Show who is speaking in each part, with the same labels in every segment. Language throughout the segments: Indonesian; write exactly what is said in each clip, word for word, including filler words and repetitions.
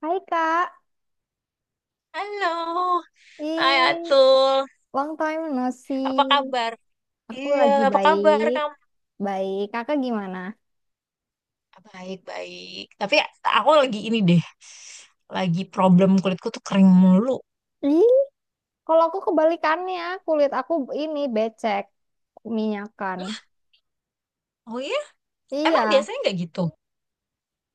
Speaker 1: Hai Kak,
Speaker 2: Halo, hai
Speaker 1: ih,
Speaker 2: Atul,
Speaker 1: long time no see.
Speaker 2: apa kabar?
Speaker 1: Aku
Speaker 2: Iya,
Speaker 1: lagi
Speaker 2: apa kabar
Speaker 1: baik,
Speaker 2: kamu?
Speaker 1: baik. Kakak gimana?
Speaker 2: Baik-baik, tapi aku lagi ini deh, lagi problem kulitku tuh kering mulu.
Speaker 1: Ih, kalau aku kebalikannya, kulit aku ini becek, minyakan.
Speaker 2: Oh iya? Emang
Speaker 1: Iya,
Speaker 2: biasanya nggak gitu?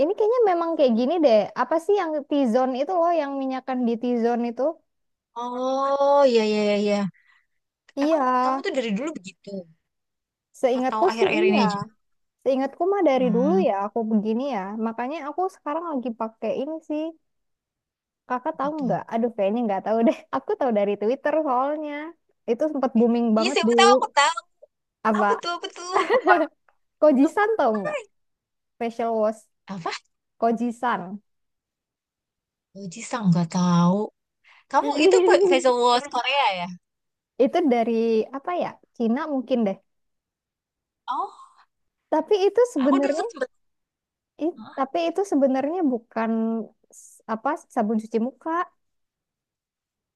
Speaker 1: ini kayaknya memang kayak gini deh. Apa sih yang T-zone itu loh, yang minyakan di T-zone itu?
Speaker 2: Oh iya iya iya. Iya. Emang
Speaker 1: Iya,
Speaker 2: kamu tuh dari dulu begitu? Atau
Speaker 1: seingatku sih
Speaker 2: akhir-akhir ini
Speaker 1: iya.
Speaker 2: aja?
Speaker 1: Seingatku mah dari dulu
Speaker 2: Hmm,
Speaker 1: ya aku begini ya. Makanya aku sekarang lagi pakai ini sih. Kakak tahu
Speaker 2: betul.
Speaker 1: nggak? Aduh, kayaknya nggak tahu deh. Aku tahu dari Twitter soalnya. Itu sempat booming
Speaker 2: Iya,
Speaker 1: banget
Speaker 2: siapa
Speaker 1: dulu.
Speaker 2: tahu aku tahu. Apa
Speaker 1: Apa?
Speaker 2: tuh, apa tuh?
Speaker 1: Kojisan tahu nggak? Facial wash.
Speaker 2: Apa?
Speaker 1: Kojisan.
Speaker 2: Oh, Jisang nggak tahu. Kamu itu pe- facial wash Korea ya?
Speaker 1: Itu dari apa ya? Cina mungkin deh.
Speaker 2: Oh,
Speaker 1: Tapi itu
Speaker 2: aku dulu
Speaker 1: sebenarnya,
Speaker 2: tuh sempet.
Speaker 1: i-
Speaker 2: Hah?
Speaker 1: tapi itu sebenarnya bukan s- apa sabun cuci muka,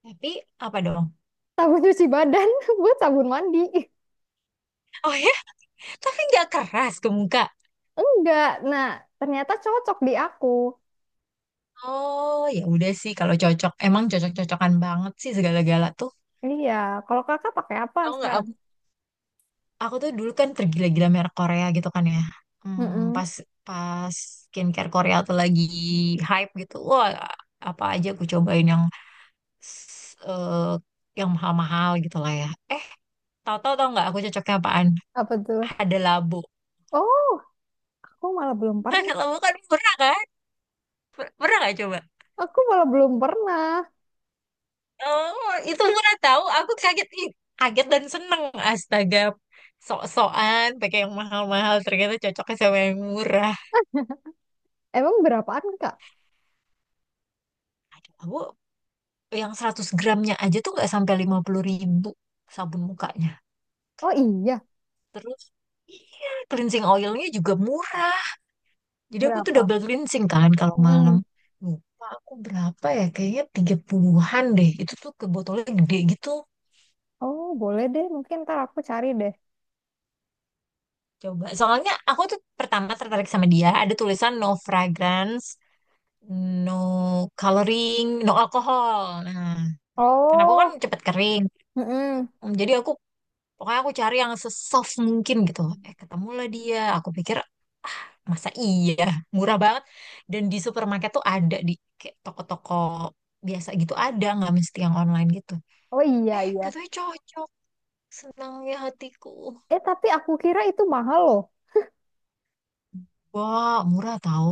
Speaker 2: Tapi apa dong?
Speaker 1: sabun cuci badan buat sabun mandi.
Speaker 2: Oh ya, tapi nggak keras ke muka.
Speaker 1: Enggak. Nah, ternyata cocok di aku.
Speaker 2: Oh ya, udah sih kalau cocok, emang cocok-cocokan banget sih segala-gala tuh.
Speaker 1: Iya. Kalau kakak pakai apa
Speaker 2: Tahu nggak
Speaker 1: sekarang?
Speaker 2: aku, aku tuh dulu kan tergila-gila merek Korea gitu kan ya. Hmm,
Speaker 1: Mm-mm.
Speaker 2: pas pas skincare Korea tuh lagi hype gitu, wah apa aja aku cobain yang s- eh, yang mahal-mahal gitu lah ya. Eh, Tahu-tahu, tau nggak aku cocoknya apaan?
Speaker 1: Apa tuh?
Speaker 2: Ada labo.
Speaker 1: Oh. Aku malah belum
Speaker 2: Ada
Speaker 1: pernah.
Speaker 2: labo kan murah kan? Per- Pernah nggak coba?
Speaker 1: Aku malah belum pernah.
Speaker 2: Oh, itu murah tahu. Aku kaget, ih, kaget dan seneng. Astaga, sok-sokan pakai yang mahal-mahal ternyata cocoknya sama yang murah.
Speaker 1: Emang berapaan, Kak?
Speaker 2: Aduh, aku yang seratus gramnya aja tuh nggak sampai lima puluh ribu sabun mukanya.
Speaker 1: Oh iya,
Speaker 2: Terus iya, cleansing oilnya juga murah. Jadi aku tuh
Speaker 1: berapa?
Speaker 2: double cleansing kan kalau malam.
Speaker 1: Mm.
Speaker 2: Lupa aku berapa ya? Kayaknya tiga puluhan-an deh. Itu tuh ke botolnya gede gitu.
Speaker 1: Oh, boleh deh. Mungkin ntar aku cari deh.
Speaker 2: Coba, soalnya aku tuh pertama tertarik sama dia, ada tulisan no fragrance no coloring, no alkohol. Nah, karena aku kan
Speaker 1: Oh,
Speaker 2: cepet kering.
Speaker 1: mm-mm.
Speaker 2: Hmm, Jadi aku, pokoknya aku cari yang sesoft mungkin gitu. Eh, ketemulah dia. Aku pikir, masa iya, murah banget. Dan di supermarket tuh ada di kayak toko-toko biasa gitu ada, nggak mesti yang online gitu.
Speaker 1: Oh iya,
Speaker 2: Eh,
Speaker 1: iya.
Speaker 2: gitu cocok. Senangnya hatiku.
Speaker 1: Eh, tapi aku kira itu mahal loh.
Speaker 2: Wah, murah tahu.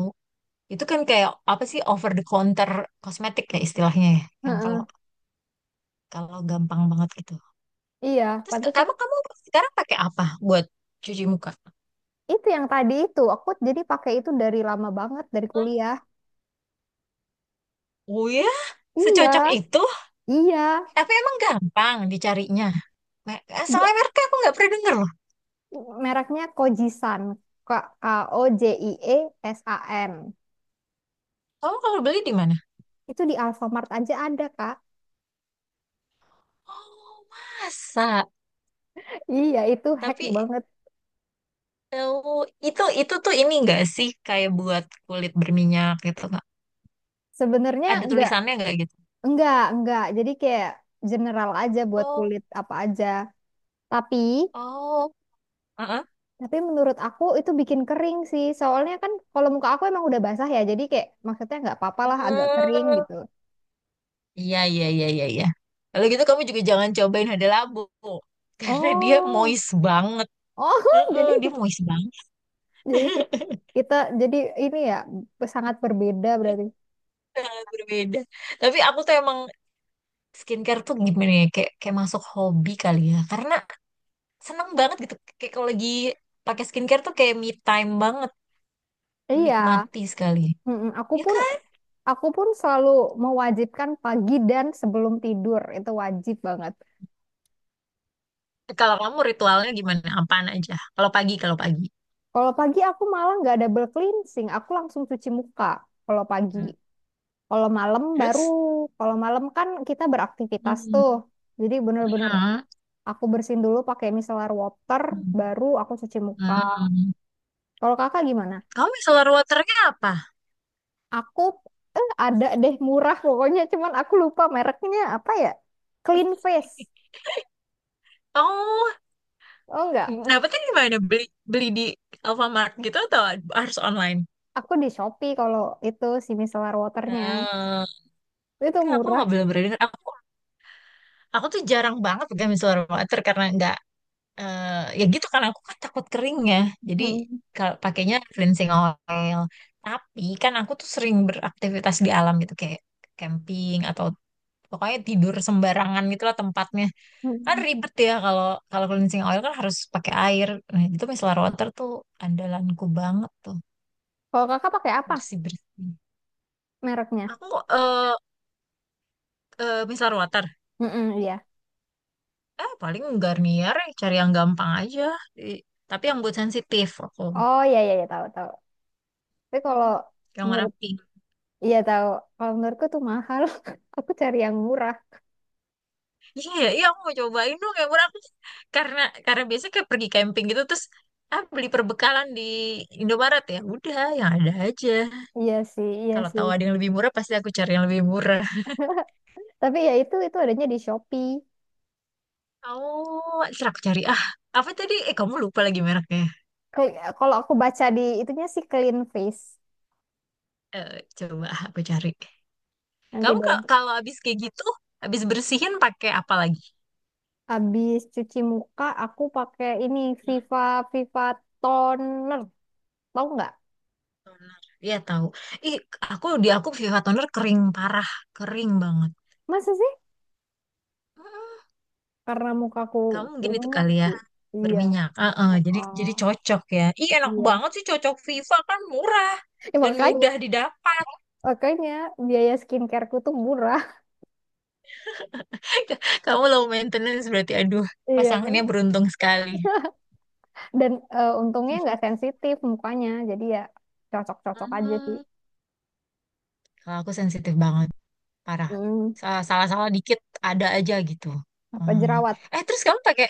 Speaker 2: Itu kan kayak apa sih over the counter kosmetik ya istilahnya ya. Yang kalau
Speaker 1: Heeh.
Speaker 2: kalau gampang banget gitu.
Speaker 1: Iya,
Speaker 2: Terus ka-
Speaker 1: pantesan.
Speaker 2: kamu kamu sekarang pakai apa buat cuci muka?
Speaker 1: Itu yang tadi itu. Aku jadi pakai itu dari lama banget, dari kuliah.
Speaker 2: Oh ya,
Speaker 1: Iya,
Speaker 2: secocok itu.
Speaker 1: iya.
Speaker 2: Tapi emang gampang dicarinya. Me- eh,
Speaker 1: Dia
Speaker 2: Soalnya mereka aku nggak pernah denger loh.
Speaker 1: mereknya Kojisan. K-O-J-I-E-S-A-N.
Speaker 2: Kamu kalau beli di mana?
Speaker 1: Itu di Alfamart aja ada, Kak.
Speaker 2: Oh, masa?
Speaker 1: Iya, itu hack
Speaker 2: Tapi
Speaker 1: banget.
Speaker 2: eh, itu itu tuh ini nggak sih kayak buat kulit berminyak gitu nggak?
Speaker 1: Sebenarnya
Speaker 2: Ada
Speaker 1: enggak,
Speaker 2: tulisannya nggak gitu?
Speaker 1: enggak, enggak. Jadi kayak general aja buat
Speaker 2: Oh,
Speaker 1: kulit apa aja. Tapi,
Speaker 2: oh, heeh.
Speaker 1: tapi menurut aku itu bikin kering sih. Soalnya kan kalau muka aku emang udah basah ya. Jadi kayak maksudnya nggak apa-apa lah agak kering
Speaker 2: Hmm.
Speaker 1: gitu.
Speaker 2: Iya, iya, iya, iya, iya. Kalau gitu kamu juga jangan cobain hada labu karena dia
Speaker 1: Oh,
Speaker 2: moist banget.
Speaker 1: oh,
Speaker 2: Heeh,
Speaker 1: jadi
Speaker 2: dia moist banget,
Speaker 1: jadi ki- kita jadi ini ya sangat berbeda berarti.
Speaker 2: sangat berbeda. Tapi aku tuh emang skincare tuh gimana ya, kayak kayak masuk hobi kali ya. Karena seneng banget gitu. Kayak kalau lagi pakai skincare tuh kayak me time banget,
Speaker 1: Iya,
Speaker 2: menikmati sekali.
Speaker 1: mm-mm. aku
Speaker 2: Ya
Speaker 1: pun
Speaker 2: kan?
Speaker 1: aku pun selalu mewajibkan pagi dan sebelum tidur itu wajib banget.
Speaker 2: Kalau kamu ritualnya gimana? Apaan aja? Kalau pagi, kalau pagi.
Speaker 1: Kalau pagi aku malah nggak double cleansing, aku langsung cuci muka kalau pagi.
Speaker 2: Hmm.
Speaker 1: Kalau malam baru,
Speaker 2: Terus?
Speaker 1: kalau malam kan kita beraktivitas
Speaker 2: Hmm.
Speaker 1: tuh. Jadi bener-bener
Speaker 2: Hmm.
Speaker 1: aku bersihin dulu pakai micellar water, baru aku cuci muka.
Speaker 2: Hmm.
Speaker 1: Kalau kakak gimana?
Speaker 2: Kamu micellar waternya apa?
Speaker 1: Aku eh, ada deh murah pokoknya, cuman aku lupa mereknya apa ya? Clean Face.
Speaker 2: Oh,
Speaker 1: Oh enggak,
Speaker 2: dapetnya di mana? Beli beli di Alfamart gitu atau harus online?
Speaker 1: aku di Shopee kalau itu si micellar waternya.
Speaker 2: Ah,
Speaker 1: Itu
Speaker 2: Kak, aku
Speaker 1: murah.
Speaker 2: nggak belum pernah dengar. Aku aku tuh jarang banget pegang micellar water karena nggak eh, ya gitu karena aku kan takut kering ya. Jadi
Speaker 1: Hmm.
Speaker 2: kalau pakainya cleansing oil. Tapi kan aku tuh sering beraktivitas di alam gitu kayak camping atau pokoknya tidur sembarangan gitulah tempatnya. Kan
Speaker 1: Hmm.
Speaker 2: ribet ya kalau kalau cleansing oil kan harus pakai air. Nah, itu micellar water tuh andalanku banget tuh.
Speaker 1: Kalau kakak pakai apa
Speaker 2: Bersih-bersih.
Speaker 1: mereknya?
Speaker 2: Aku eh eh, micellar water.
Speaker 1: Mm-mm, iya.
Speaker 2: Eh, paling Garnier, ya, cari yang gampang aja. I- Tapi yang buat sensitif aku.
Speaker 1: Oh iya iya ya tahu tahu. Tapi kalau
Speaker 2: Hmm, Yang warna
Speaker 1: menurut,
Speaker 2: pink.
Speaker 1: iya tahu. Kalau menurutku tuh mahal. Aku cari yang murah.
Speaker 2: Iya, iya, iya, aku mau cobain dong yang warna pink. Karena karena biasanya kayak pergi camping gitu terus ah beli perbekalan di Indomaret ya. Udah, yang ada aja.
Speaker 1: Iya sih, iya
Speaker 2: Kalau
Speaker 1: sih.
Speaker 2: tahu ada yang lebih murah pasti aku cari yang lebih murah.
Speaker 1: Tapi ya itu itu adanya di Shopee.
Speaker 2: Oh, ntar aku cari. Ah, apa tadi? Eh, kamu lupa lagi mereknya.
Speaker 1: Kel- Kalau aku baca di itunya sih Clean Face.
Speaker 2: Eh, coba aku cari.
Speaker 1: Nanti
Speaker 2: Kamu
Speaker 1: deh.
Speaker 2: ka- kalau habis kayak gitu, habis bersihin pakai apa lagi?
Speaker 1: Habis cuci muka aku pakai ini Viva Viva Toner. Tahu nggak?
Speaker 2: Toner. Iya tahu. Ih, aku di aku Viva Toner kering parah, kering banget.
Speaker 1: Masa sih?
Speaker 2: Mm-mm.
Speaker 1: Karena mukaku
Speaker 2: Kamu mungkin itu
Speaker 1: berminyak
Speaker 2: kali ya
Speaker 1: sih. Iya.
Speaker 2: berminyak. Heeh, jadi
Speaker 1: Oh,
Speaker 2: jadi cocok ya. Ih, enak
Speaker 1: iya.
Speaker 2: banget sih cocok Viva kan murah
Speaker 1: Ya,
Speaker 2: dan
Speaker 1: makanya
Speaker 2: mudah didapat.
Speaker 1: makanya biaya skincare ku tuh murah.
Speaker 2: Kamu low maintenance berarti, aduh,
Speaker 1: Iya.
Speaker 2: pasangannya beruntung sekali.
Speaker 1: Dan eh, untungnya nggak sensitif mukanya, jadi ya cocok-cocok aja sih.
Speaker 2: Hmm, Kalau aku sensitif banget, parah.
Speaker 1: Hmm,
Speaker 2: Sa- Salah-salah dikit ada aja gitu.
Speaker 1: apa
Speaker 2: Hmm.
Speaker 1: jerawat
Speaker 2: Eh, terus kamu pakai.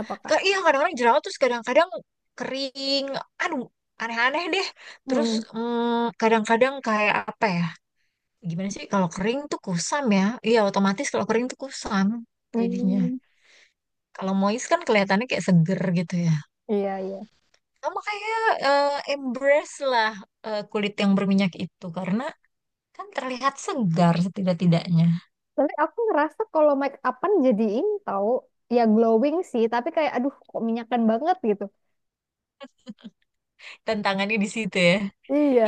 Speaker 1: apa
Speaker 2: Ke,
Speaker 1: Kak?
Speaker 2: iya, kadang-kadang jerawat terus kadang-kadang kering. Aduh, aneh-aneh deh. Terus
Speaker 1: Hmm,
Speaker 2: mm, kadang-kadang kayak apa ya? Gimana sih kalau kering tuh kusam ya? Iya, otomatis kalau kering tuh kusam jadinya.
Speaker 1: hmm,
Speaker 2: Kalau moist kan kelihatannya kayak seger gitu ya.
Speaker 1: iya iya,
Speaker 2: Sama kayak eh, embrace lah, eh, kulit yang berminyak itu karena kan terlihat segar setidak-tidaknya.
Speaker 1: tapi aku ngerasa kalau make upan jadi ini tahu, ya glowing sih, tapi kayak aduh kok minyakan banget gitu.
Speaker 2: Tantangannya di situ ya.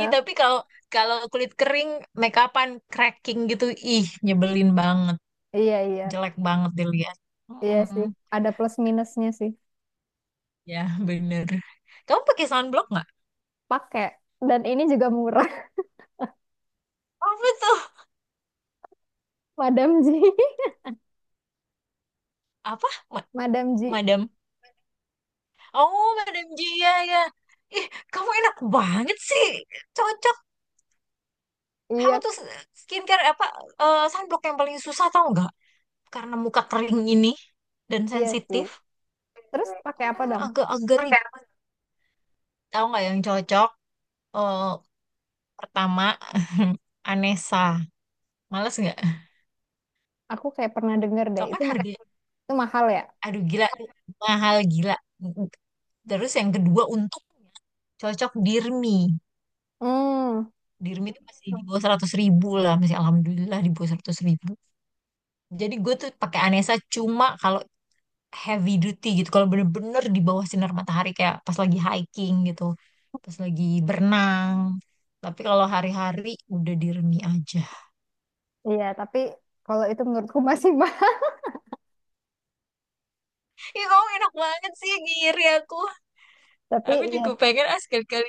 Speaker 2: Ih, tapi kalau kalau kulit kering make upan cracking gitu, ih nyebelin banget.
Speaker 1: iya iya.
Speaker 2: Jelek banget dilihat.
Speaker 1: Iya
Speaker 2: Mm-mm.
Speaker 1: sih, ada plus minusnya sih.
Speaker 2: Ya, bener. Kamu pakai sunblock nggak?
Speaker 1: Pakai, dan ini juga murah.
Speaker 2: Apa tuh?
Speaker 1: Madam Ji.
Speaker 2: Apa? Ma-
Speaker 1: Madam Ji.
Speaker 2: Madam? Oh, Madam Jia ya. Ya. Ih, kamu enak banget sih. Cocok. Kamu
Speaker 1: Iya.
Speaker 2: tuh skincare apa? Eh, sunblock yang paling susah tau nggak? Karena muka kering ini dan
Speaker 1: Iya sih,
Speaker 2: sensitif.
Speaker 1: terus pakai apa
Speaker 2: Mm,
Speaker 1: dong?
Speaker 2: Agak-agak ribet. Tahu nggak yang cocok? Eh, pertama, Anessa. Males nggak?
Speaker 1: Aku kayak pernah denger deh
Speaker 2: Tau kan
Speaker 1: itu ma-
Speaker 2: harga.
Speaker 1: itu mahal ya.
Speaker 2: Aduh gila, mahal gila. Terus yang kedua untuk cocok Dirmi.
Speaker 1: Hmm.
Speaker 2: Dirmi itu masih di bawah seratus ribu lah, masih alhamdulillah di bawah seratus ribu. Jadi gue tuh pakai Anessa cuma kalau heavy duty gitu, kalau bener-bener di bawah sinar matahari kayak pas lagi hiking gitu, pas lagi berenang. Tapi kalau hari-hari udah Dirmi aja.
Speaker 1: Iya, tapi kalau itu menurutku masih mahal.
Speaker 2: Ih, kamu enak banget sih, ngiri aku.
Speaker 1: Tapi
Speaker 2: Aku
Speaker 1: iya,
Speaker 2: juga pengen, ah, sekali-kali.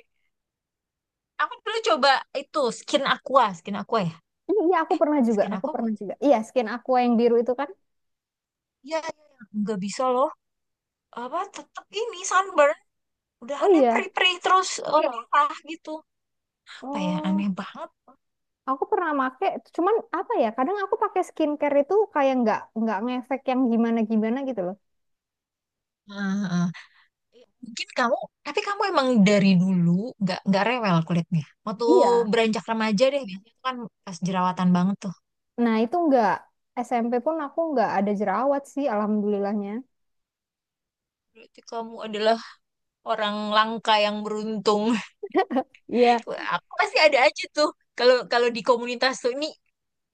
Speaker 2: Aku dulu coba itu skin aqua, skin aqua ya.
Speaker 1: iya aku pernah juga,
Speaker 2: Skin
Speaker 1: aku
Speaker 2: aqua
Speaker 1: pernah
Speaker 2: bukan.
Speaker 1: juga. Iya, skin aqua yang biru itu kan.
Speaker 2: Iya, iya, iya. Nggak bisa loh. Apa tetap ini sunburn. Udah
Speaker 1: Oh
Speaker 2: aneh
Speaker 1: iya,
Speaker 2: perih-perih terus, eh, merah gitu. Apa ya
Speaker 1: oh
Speaker 2: aneh banget.
Speaker 1: aku pernah make. Cuman apa ya? Kadang aku pakai skincare itu kayak nggak nggak ngefek yang gimana gimana gitu loh.
Speaker 2: Ah, ah. Mungkin kamu, tapi kamu emang dari dulu nggak nggak rewel kulitnya. Waktu
Speaker 1: Iya.
Speaker 2: beranjak remaja deh, biasanya tuh kan pas jerawatan banget tuh.
Speaker 1: Nah itu nggak, S M P pun aku nggak ada jerawat sih, alhamdulillahnya.
Speaker 2: Berarti kamu adalah orang langka yang beruntung.
Speaker 1: Iya,
Speaker 2: Aku masih ada aja tuh. Kalau kalau di komunitas tuh ini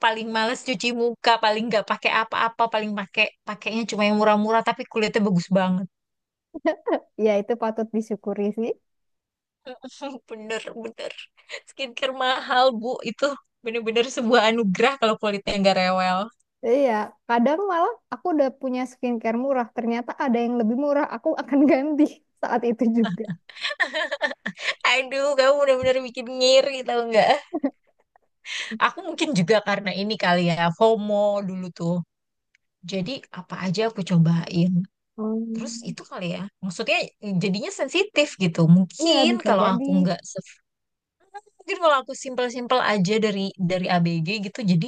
Speaker 2: paling males cuci muka, paling nggak pakai apa-apa, paling pakai pakainya cuma yang murah-murah tapi kulitnya bagus banget.
Speaker 1: iya itu patut disyukuri sih.
Speaker 2: Bener, bener. Skincare mahal, Bu. Itu bener-bener sebuah anugerah kalau kulitnya nggak rewel.
Speaker 1: Iya, kadang malah aku udah punya skincare murah, ternyata ada yang lebih murah, aku akan ganti saat itu juga.
Speaker 2: Aduh, kamu bener-bener bikin ngiri tau nggak? Aku mungkin juga karena ini kali ya, FOMO dulu tuh. Jadi apa aja aku cobain. Terus
Speaker 1: Hmm,
Speaker 2: itu kali ya, maksudnya jadinya sensitif gitu.
Speaker 1: iya
Speaker 2: Mungkin
Speaker 1: bisa
Speaker 2: kalau
Speaker 1: jadi.
Speaker 2: aku nggak, se- mungkin kalau aku simpel-simpel aja dari dari A B G gitu, jadi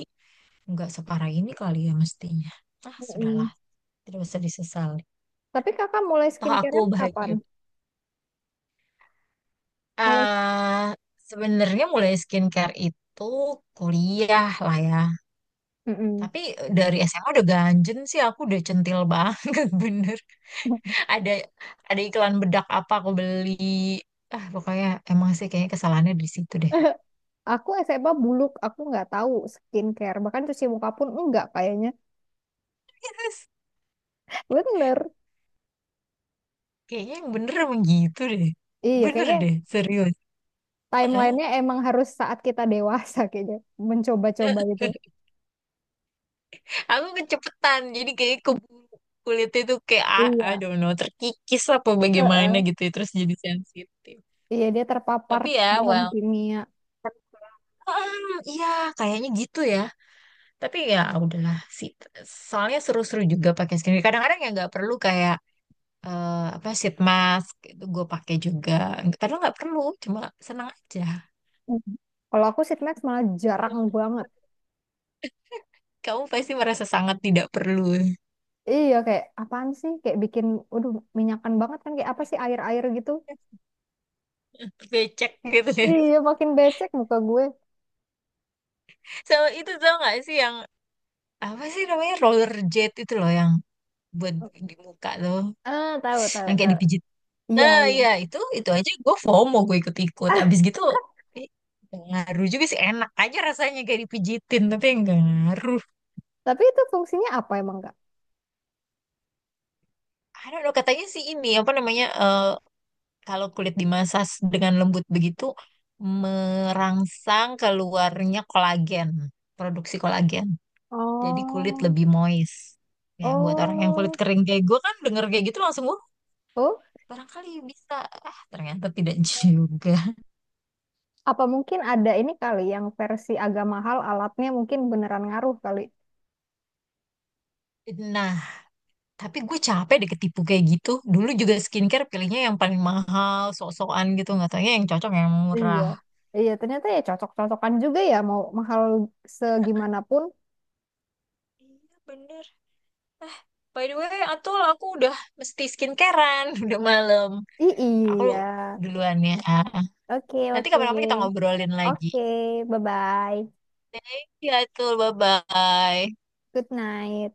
Speaker 2: nggak separah ini kali ya mestinya. Ah, sudahlah,
Speaker 1: Mm-mm.
Speaker 2: tidak usah disesali.
Speaker 1: Tapi kakak mulai
Speaker 2: Toh aku
Speaker 1: skincarean kapan?
Speaker 2: bahagia,
Speaker 1: Mulai.
Speaker 2: eh sebenarnya mulai skincare itu kuliah lah ya.
Speaker 1: Mm-mm.
Speaker 2: Tapi eh, dari S M A udah ganjen sih aku udah centil banget bener. Ada ada iklan bedak apa aku beli. Ah, pokoknya emang sih kayaknya kesalahannya di situ deh.
Speaker 1: Aku S M A buluk, aku nggak tahu skincare. Bahkan cuci muka pun enggak kayaknya. Bener.
Speaker 2: Kayaknya yang bener emang gitu deh.
Speaker 1: Iya,
Speaker 2: Bener
Speaker 1: kayaknya
Speaker 2: deh, serius. Heeh.
Speaker 1: timelinenya emang harus saat kita dewasa kayaknya. Mencoba-coba gitu.
Speaker 2: Aku kecepetan, jadi kayak ke kulit itu kayak, ah, I
Speaker 1: Iya.
Speaker 2: don't know, terkikis apa bagaimana
Speaker 1: Heeh.
Speaker 2: gitu, ya, terus jadi sensitif.
Speaker 1: Iya, dia terpapar
Speaker 2: Tapi ya,
Speaker 1: bahan
Speaker 2: well,
Speaker 1: kimia.
Speaker 2: Mm, iya, kayaknya gitu ya. Tapi ya udahlah sih. Soalnya seru-seru juga pakai skincare. Kadang-kadang ya nggak perlu kayak, eh, apa sheet mask itu gue pakai juga. Padahal nggak perlu, cuma senang aja.
Speaker 1: Mm. Kalau aku sheet mask malah jarang banget.
Speaker 2: Kamu pasti merasa sangat tidak perlu
Speaker 1: Iya, kayak apaan sih? Kayak bikin, waduh, minyakan banget kan. Kayak apa sih air-air gitu.
Speaker 2: becek gitu ya.
Speaker 1: Iya, makin becek muka gue.
Speaker 2: So itu tau nggak sih yang apa sih namanya roller jet itu loh yang buat di muka tuh,
Speaker 1: Ah, tahu, tahu,
Speaker 2: yang kayak
Speaker 1: tahu.
Speaker 2: dipijit.
Speaker 1: Iya,
Speaker 2: Nah,
Speaker 1: iya.
Speaker 2: iya itu itu aja gue FOMO gue ikut-ikut. Abis gitu ih, nggak ngaruh juga sih enak aja rasanya kayak dipijitin tapi nggak ngaruh.
Speaker 1: Tapi itu fungsinya apa emang, Kak?
Speaker 2: I don't know, katanya sih ini apa namanya, eh, kalau kulit dimasas dengan lembut begitu merangsang keluarnya kolagen, produksi kolagen. Jadi kulit
Speaker 1: Oh.
Speaker 2: lebih moist. Nah, buat orang yang kulit
Speaker 1: Oh,
Speaker 2: kering kayak gue kan denger kayak gitu langsung gue
Speaker 1: oh,
Speaker 2: barangkali bisa. Ah, ternyata tidak juga.
Speaker 1: apa mungkin ada ini kali yang versi agak mahal alatnya mungkin beneran ngaruh kali.
Speaker 2: Nah, tapi gue capek deh ketipu kayak gitu. Dulu juga skincare pilihnya yang paling mahal, sok-sokan gitu. Nggak taunya yang cocok yang
Speaker 1: Iya.
Speaker 2: murah.
Speaker 1: Iya, ternyata ya cocok-cocokan juga ya mau mahal segimanapun.
Speaker 2: Iya bener. By the way, Atul, aku udah mesti skincarean, udah malam.
Speaker 1: I iya.
Speaker 2: Aku duluan ya.
Speaker 1: Oke,
Speaker 2: Nanti
Speaker 1: oke.
Speaker 2: kapan-kapan kita ngobrolin lagi.
Speaker 1: Oke, bye-bye.
Speaker 2: Iya Atul, bye-bye.
Speaker 1: Good night.